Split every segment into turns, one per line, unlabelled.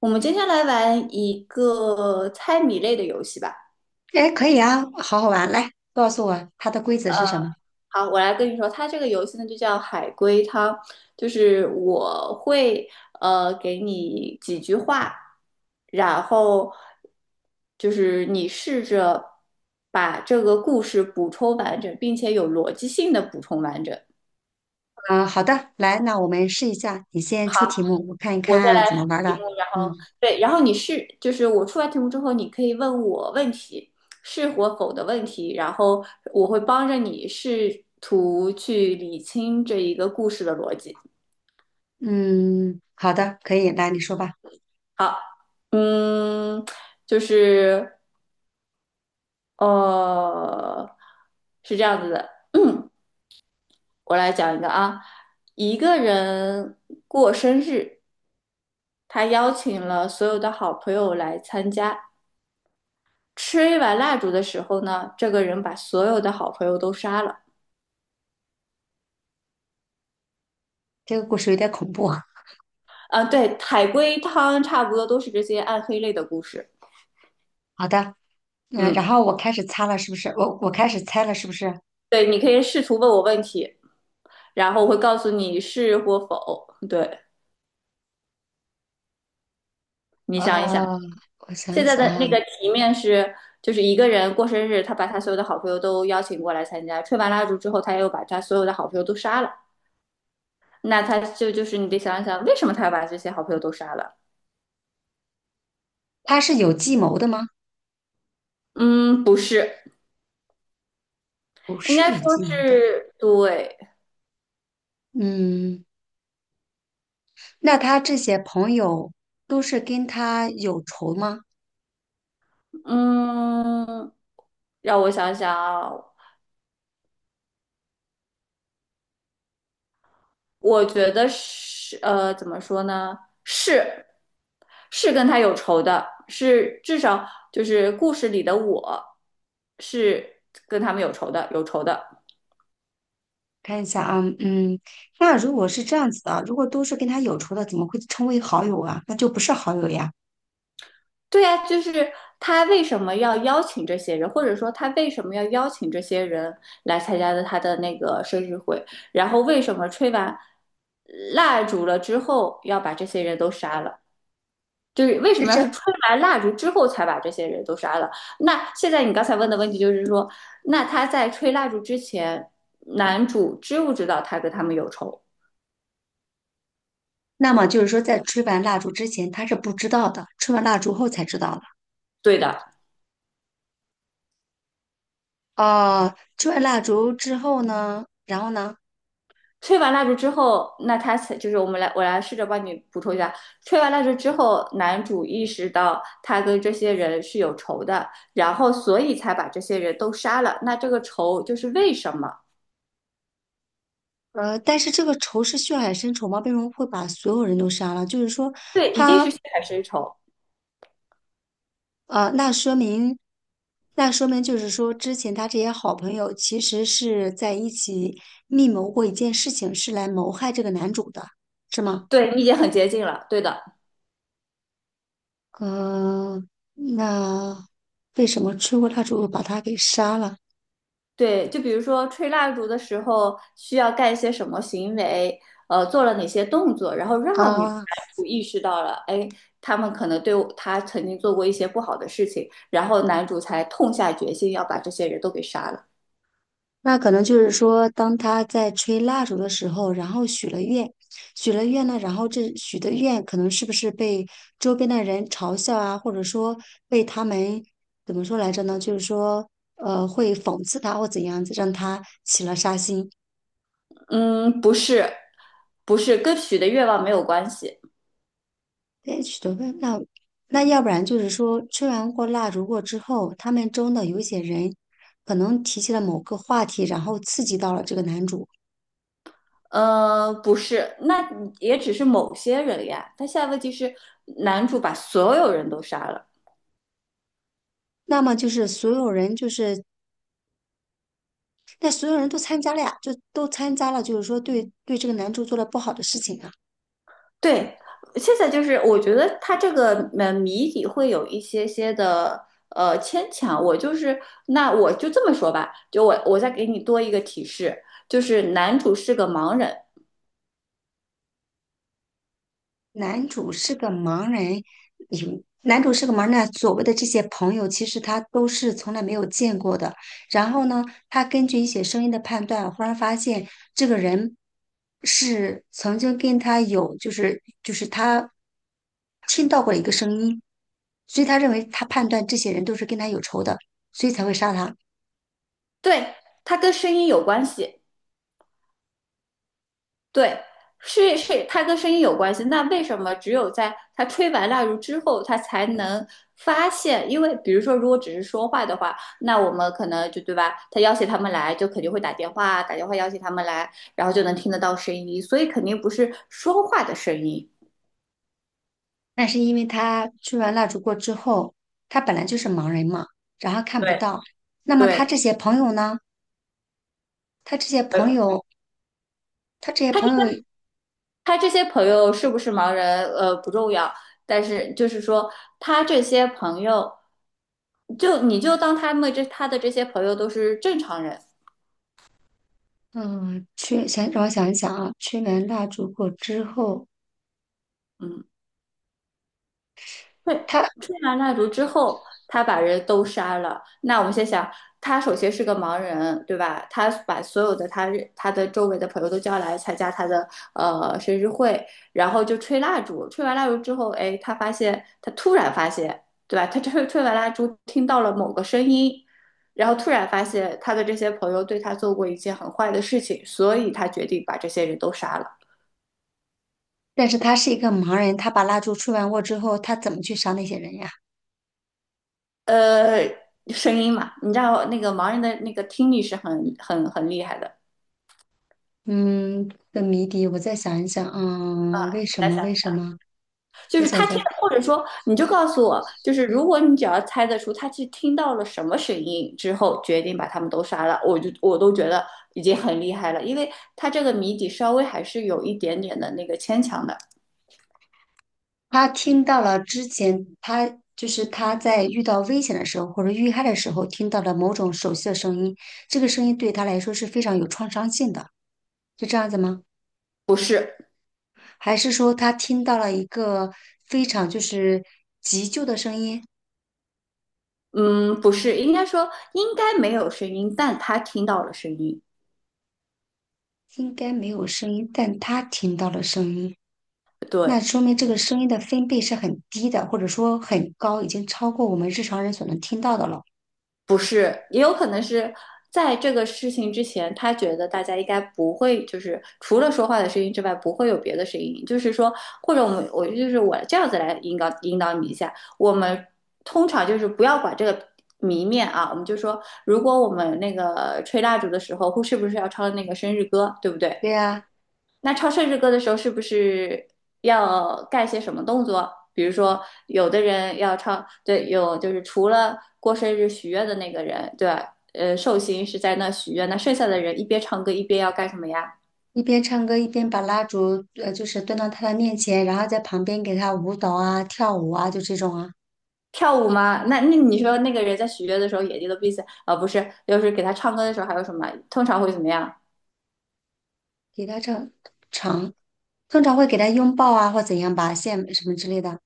我们今天来玩一个猜谜类的游戏吧。
哎，可以啊，好好玩，来告诉我它的规则是什么？
好，我来跟你说，它这个游戏呢就叫海龟汤，就是我会给你几句话，然后就是你试着把这个故事补充完整，并且有逻辑性的补充完整。
嗯、好的，来，那我们试一下，你先
好。
出题目，我看一
我先
看
来
怎
出
么玩儿
题
的。
目，然后
嗯
对，然后就是我出完题目之后，你可以问我问题，是或否的问题，然后我会帮着你试图去理清这一个故事的逻辑。
嗯，好的，可以，来你说吧。
好，嗯，就是呃，是这样子的，我来讲一个啊，一个人过生日，他邀请了所有的好朋友来参加。吹完蜡烛的时候呢，这个人把所有的好朋友都杀了。
这个故事有点恐怖啊。
啊，对，海龟汤差不多都是这些暗黑类的故事。
好的，嗯，然
嗯，
后我开始擦了，是不是？我开始猜了，是不是？
对，你可以试图问我问题，然后我会告诉你是或否。对，你想一想，
呃，我想
现在
想
的那
啊，
个题面是，就是一个人过生日，他把他所有的好朋友都邀请过来参加，吹完蜡烛之后，他又把他所有的好朋友都杀了。那他就是你得想一想，为什么他要把这些好朋友都杀了？
他是有计谋的吗？
嗯，不是，
不
应
是
该
有
说
计谋的。
是对，
嗯，那他这些朋友都是跟他有仇吗？
嗯，让我想想啊，我觉得是，怎么说呢？是，是跟他有仇的，是至少就是故事里的我是跟他们有仇的，有仇的。
看一下啊，嗯，那如果是这样子的，如果都是跟他有仇的，怎么会称为好友啊？那就不是好友呀。
对呀，就是他为什么要邀请这些人，或者说他为什么要邀请这些人来参加的他的那个生日会，然后为什么吹完蜡烛了之后要把这些人都杀了？就是为什
是
么要
这，
是吹完蜡烛之后才把这些人都杀了？那现在你刚才问的问题就是说，那他在吹蜡烛之前，男主知不知道他跟他们有仇？
那么就是说，在吹完蜡烛之前，他是不知道的，吹完蜡烛后才知道的。
对的，
哦、吹完蜡烛之后呢，然后呢，
吹完蜡烛之后，那他才就是我们来，我来试着帮你补充一下，吹完蜡烛之后，男主意识到他跟这些人是有仇的，然后所以才把这些人都杀了。那这个仇就是为什么？
呃，但是这个仇是血海深仇吗？为什么会把所有人都杀了？就是说，
对，一定
他
是血海深仇。
那说明，那说明就是说，之前他这些好朋友其实是在一起密谋过一件事情，是来谋害这个男主的，是吗？
对你已经很接近了，对的。
嗯，那为什么吹过蜡烛又把他给杀了
对，就比如说吹蜡烛的时候需要干一些什么行为，做了哪些动作，然后让女
啊？
男主意识到了，哎，他们可能对我他曾经做过一些不好的事情，然后男主才痛下决心要把这些人都给杀了。
那可能就是说，当他在吹蜡烛的时候，然后许了愿，许了愿呢，然后这许的愿可能是不是被周边的人嘲笑啊，或者说被他们怎么说来着呢？就是说，会讽刺他或怎样子，让他起了杀心。
嗯，不是，不是，跟许的愿望没有关系。
对，许的愿，那那要不然就是说，吹完过蜡烛过之后，他们中的有一些人可能提起了某个话题，然后刺激到了这个男主。
不是，那也只是某些人呀。但现在问题是，男主把所有人都杀了。
那么就是所有人就是那所有人都参加了呀，就都参加了，就是说对对这个男主做了不好的事情啊。
对，现在就是我觉得他这个谜底会有一些些的牵强。我就是那我就这么说吧，就我再给你多一个提示，就是男主是个盲人，
男主是个盲人，有男主是个盲人，啊，所谓的这些朋友，其实他都是从来没有见过的。然后呢，他根据一些声音的判断，忽然发现这个人是曾经跟他有，就是他听到过一个声音，所以他认为他判断这些人都是跟他有仇的，所以才会杀他。
对，他跟声音有关系。对，是是，它跟声音有关系。那为什么只有在他吹完蜡烛之后，他才能发现？因为比如说，如果只是说话的话，那我们可能就对吧？他邀请他们来，就肯定会打电话，打电话邀请他们来，然后就能听得到声音，所以肯定不是说话的声音。
那是因为他吹完蜡烛过之后，他本来就是盲人嘛，然后看不
对，
到。那么他
对，
这些朋友呢？他这些
呃，
朋友，他这些
他
朋
这
友，
他这些朋友是不是盲人？不重要，但是就是说，他这些朋友，就你就当他们这他的这些朋友都是正常人。
嗯，去先让我想一想啊，吹完蜡烛过之后，
嗯，对，
他，
吹完蜡烛之后，他把人都杀了。那我们先想，他首先是个盲人，对吧？他把所有的他的周围的朋友都叫来参加他的生日会，然后就吹蜡烛。吹完蜡烛之后，哎，他发现他突然发现，对吧？他吹完蜡烛，听到了某个声音，然后突然发现他的这些朋友对他做过一件很坏的事情，所以他决定把这些人都杀了。
但是他是一个盲人，他把蜡烛吹完过之后，他怎么去杀那些人呀？
呃，声音嘛，你知道那个盲人的那个听力是很很很厉害的。
嗯，的谜底我再想一想，嗯，为什
来想，
么？为什么？
就
我
是
想
他听，
想，
或者说你就告诉我，就是如果你只要猜得出他去听到了什么声音之后，决定把他们都杀了，我都觉得已经很厉害了，因为他这个谜底稍微还是有一点点的那个牵强的，
他听到了之前他就是他在遇到危险的时候或者遇害的时候听到了某种熟悉的声音，这个声音对他来说是非常有创伤性的，是这样子吗？
不是，
还是说他听到了一个非常就是急救的声音？
嗯，不是，应该说应该没有声音，但他听到了声音，
应该没有声音，但他听到了声音，
对。
那说明这个声音的分贝是很低的，或者说很高，已经超过我们日常人所能听到的了。
不是，也有可能是在这个事情之前，他觉得大家应该不会，就是除了说话的声音之外，不会有别的声音。就是说，或者我们，我就是我这样子来引导引导你一下。我们通常就是不要管这个谜面啊，我们就说，如果我们那个吹蜡烛的时候，会是不是要唱那个生日歌，对不对？
对呀、
那唱生日歌的时候，是不是要干些什么动作？比如说，有的人要唱，对，有就是除了过生日许愿的那个人，对，寿星是在那许愿，那剩下的人一边唱歌一边要干什么呀？
一边唱歌一边把蜡烛呃就是端到他的面前，然后在旁边给他舞蹈啊、跳舞啊，就这种啊，
跳舞吗？那你说那个人在许愿的时候眼睛都闭起来，啊、不是，就是给他唱歌的时候还有什么？通常会怎么样？
给他唱唱，通常会给他拥抱啊或怎样吧，献什么之类的。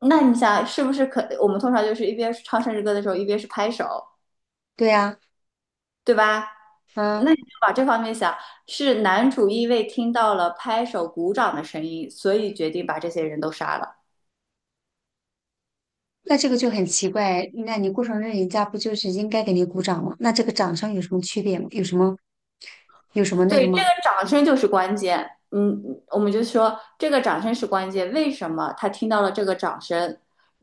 那你想是不是可？我们通常就是一边唱生日歌的时候，一边是拍手，
对啊，
对吧？
嗯，
那你就往这方面想，是男主因为听到了拍手鼓掌的声音，所以决定把这些人都杀了。
那这个就很奇怪，那你过生日人家不就是应该给你鼓掌吗？那这个掌声有什么区别吗？有什么那个
对，这
吗？
个掌声就是关键。嗯，我们就说这个掌声是关键。为什么他听到了这个掌声？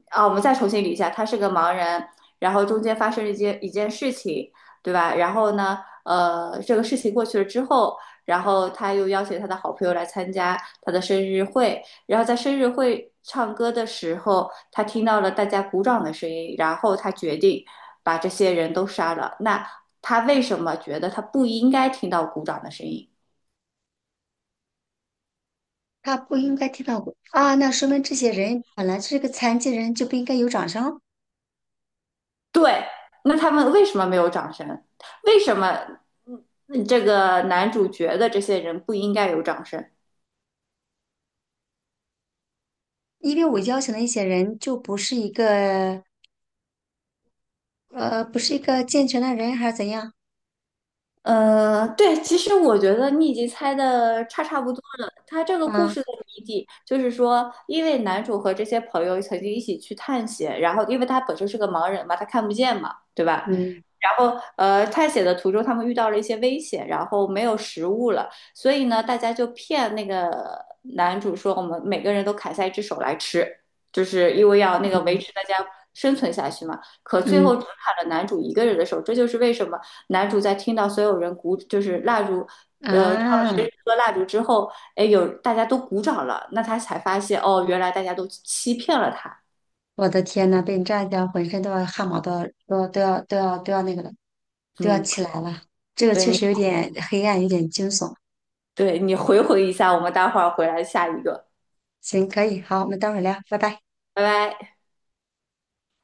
啊，我们再重新捋一下，他是个盲人，然后中间发生了一件一件事情，对吧？然后呢，这个事情过去了之后，然后他又邀请他的好朋友来参加他的生日会，然后在生日会唱歌的时候，他听到了大家鼓掌的声音，然后他决定把这些人都杀了。那他为什么觉得他不应该听到鼓掌的声音？
他不应该听到过啊，那说明这些人本来是个残疾人就不应该有掌声。
对，那他们为什么没有掌声？为什么这个男主角的这些人不应该有掌声？
因为我邀请的一些人就不是一个不是一个健全的人还是怎样？
对，其实我觉得你已经猜的差不多了。他这个故
啊，
事的谜底就是说，因为男主和这些朋友曾经一起去探险，然后因为他本身是个盲人嘛，他看不见嘛，对吧？
嗯
然后探险的途中他们遇到了一些危险，然后没有食物了，所以呢，大家就骗那个男主说，我们每个人都砍下一只手来吃，就是因为要那个维
嗯
持大家生存下去嘛。可最后只
嗯
砍了男主一个人的手，这就是为什么。男主在听到所有人鼓，就是蜡烛，唱了10
啊！
颗蜡烛之后，哎，有大家都鼓掌了，那他才发现，哦，原来大家都欺骗了他。
我的天呐，被你这样一讲，浑身都要汗毛都要都要那个了，都要
嗯，
起来了。这个
对
确
你，
实有点黑暗，有点惊悚。
回回一下，我们待会儿回来下一个，
行，可以，好，我们待会儿聊，拜拜。
拜拜。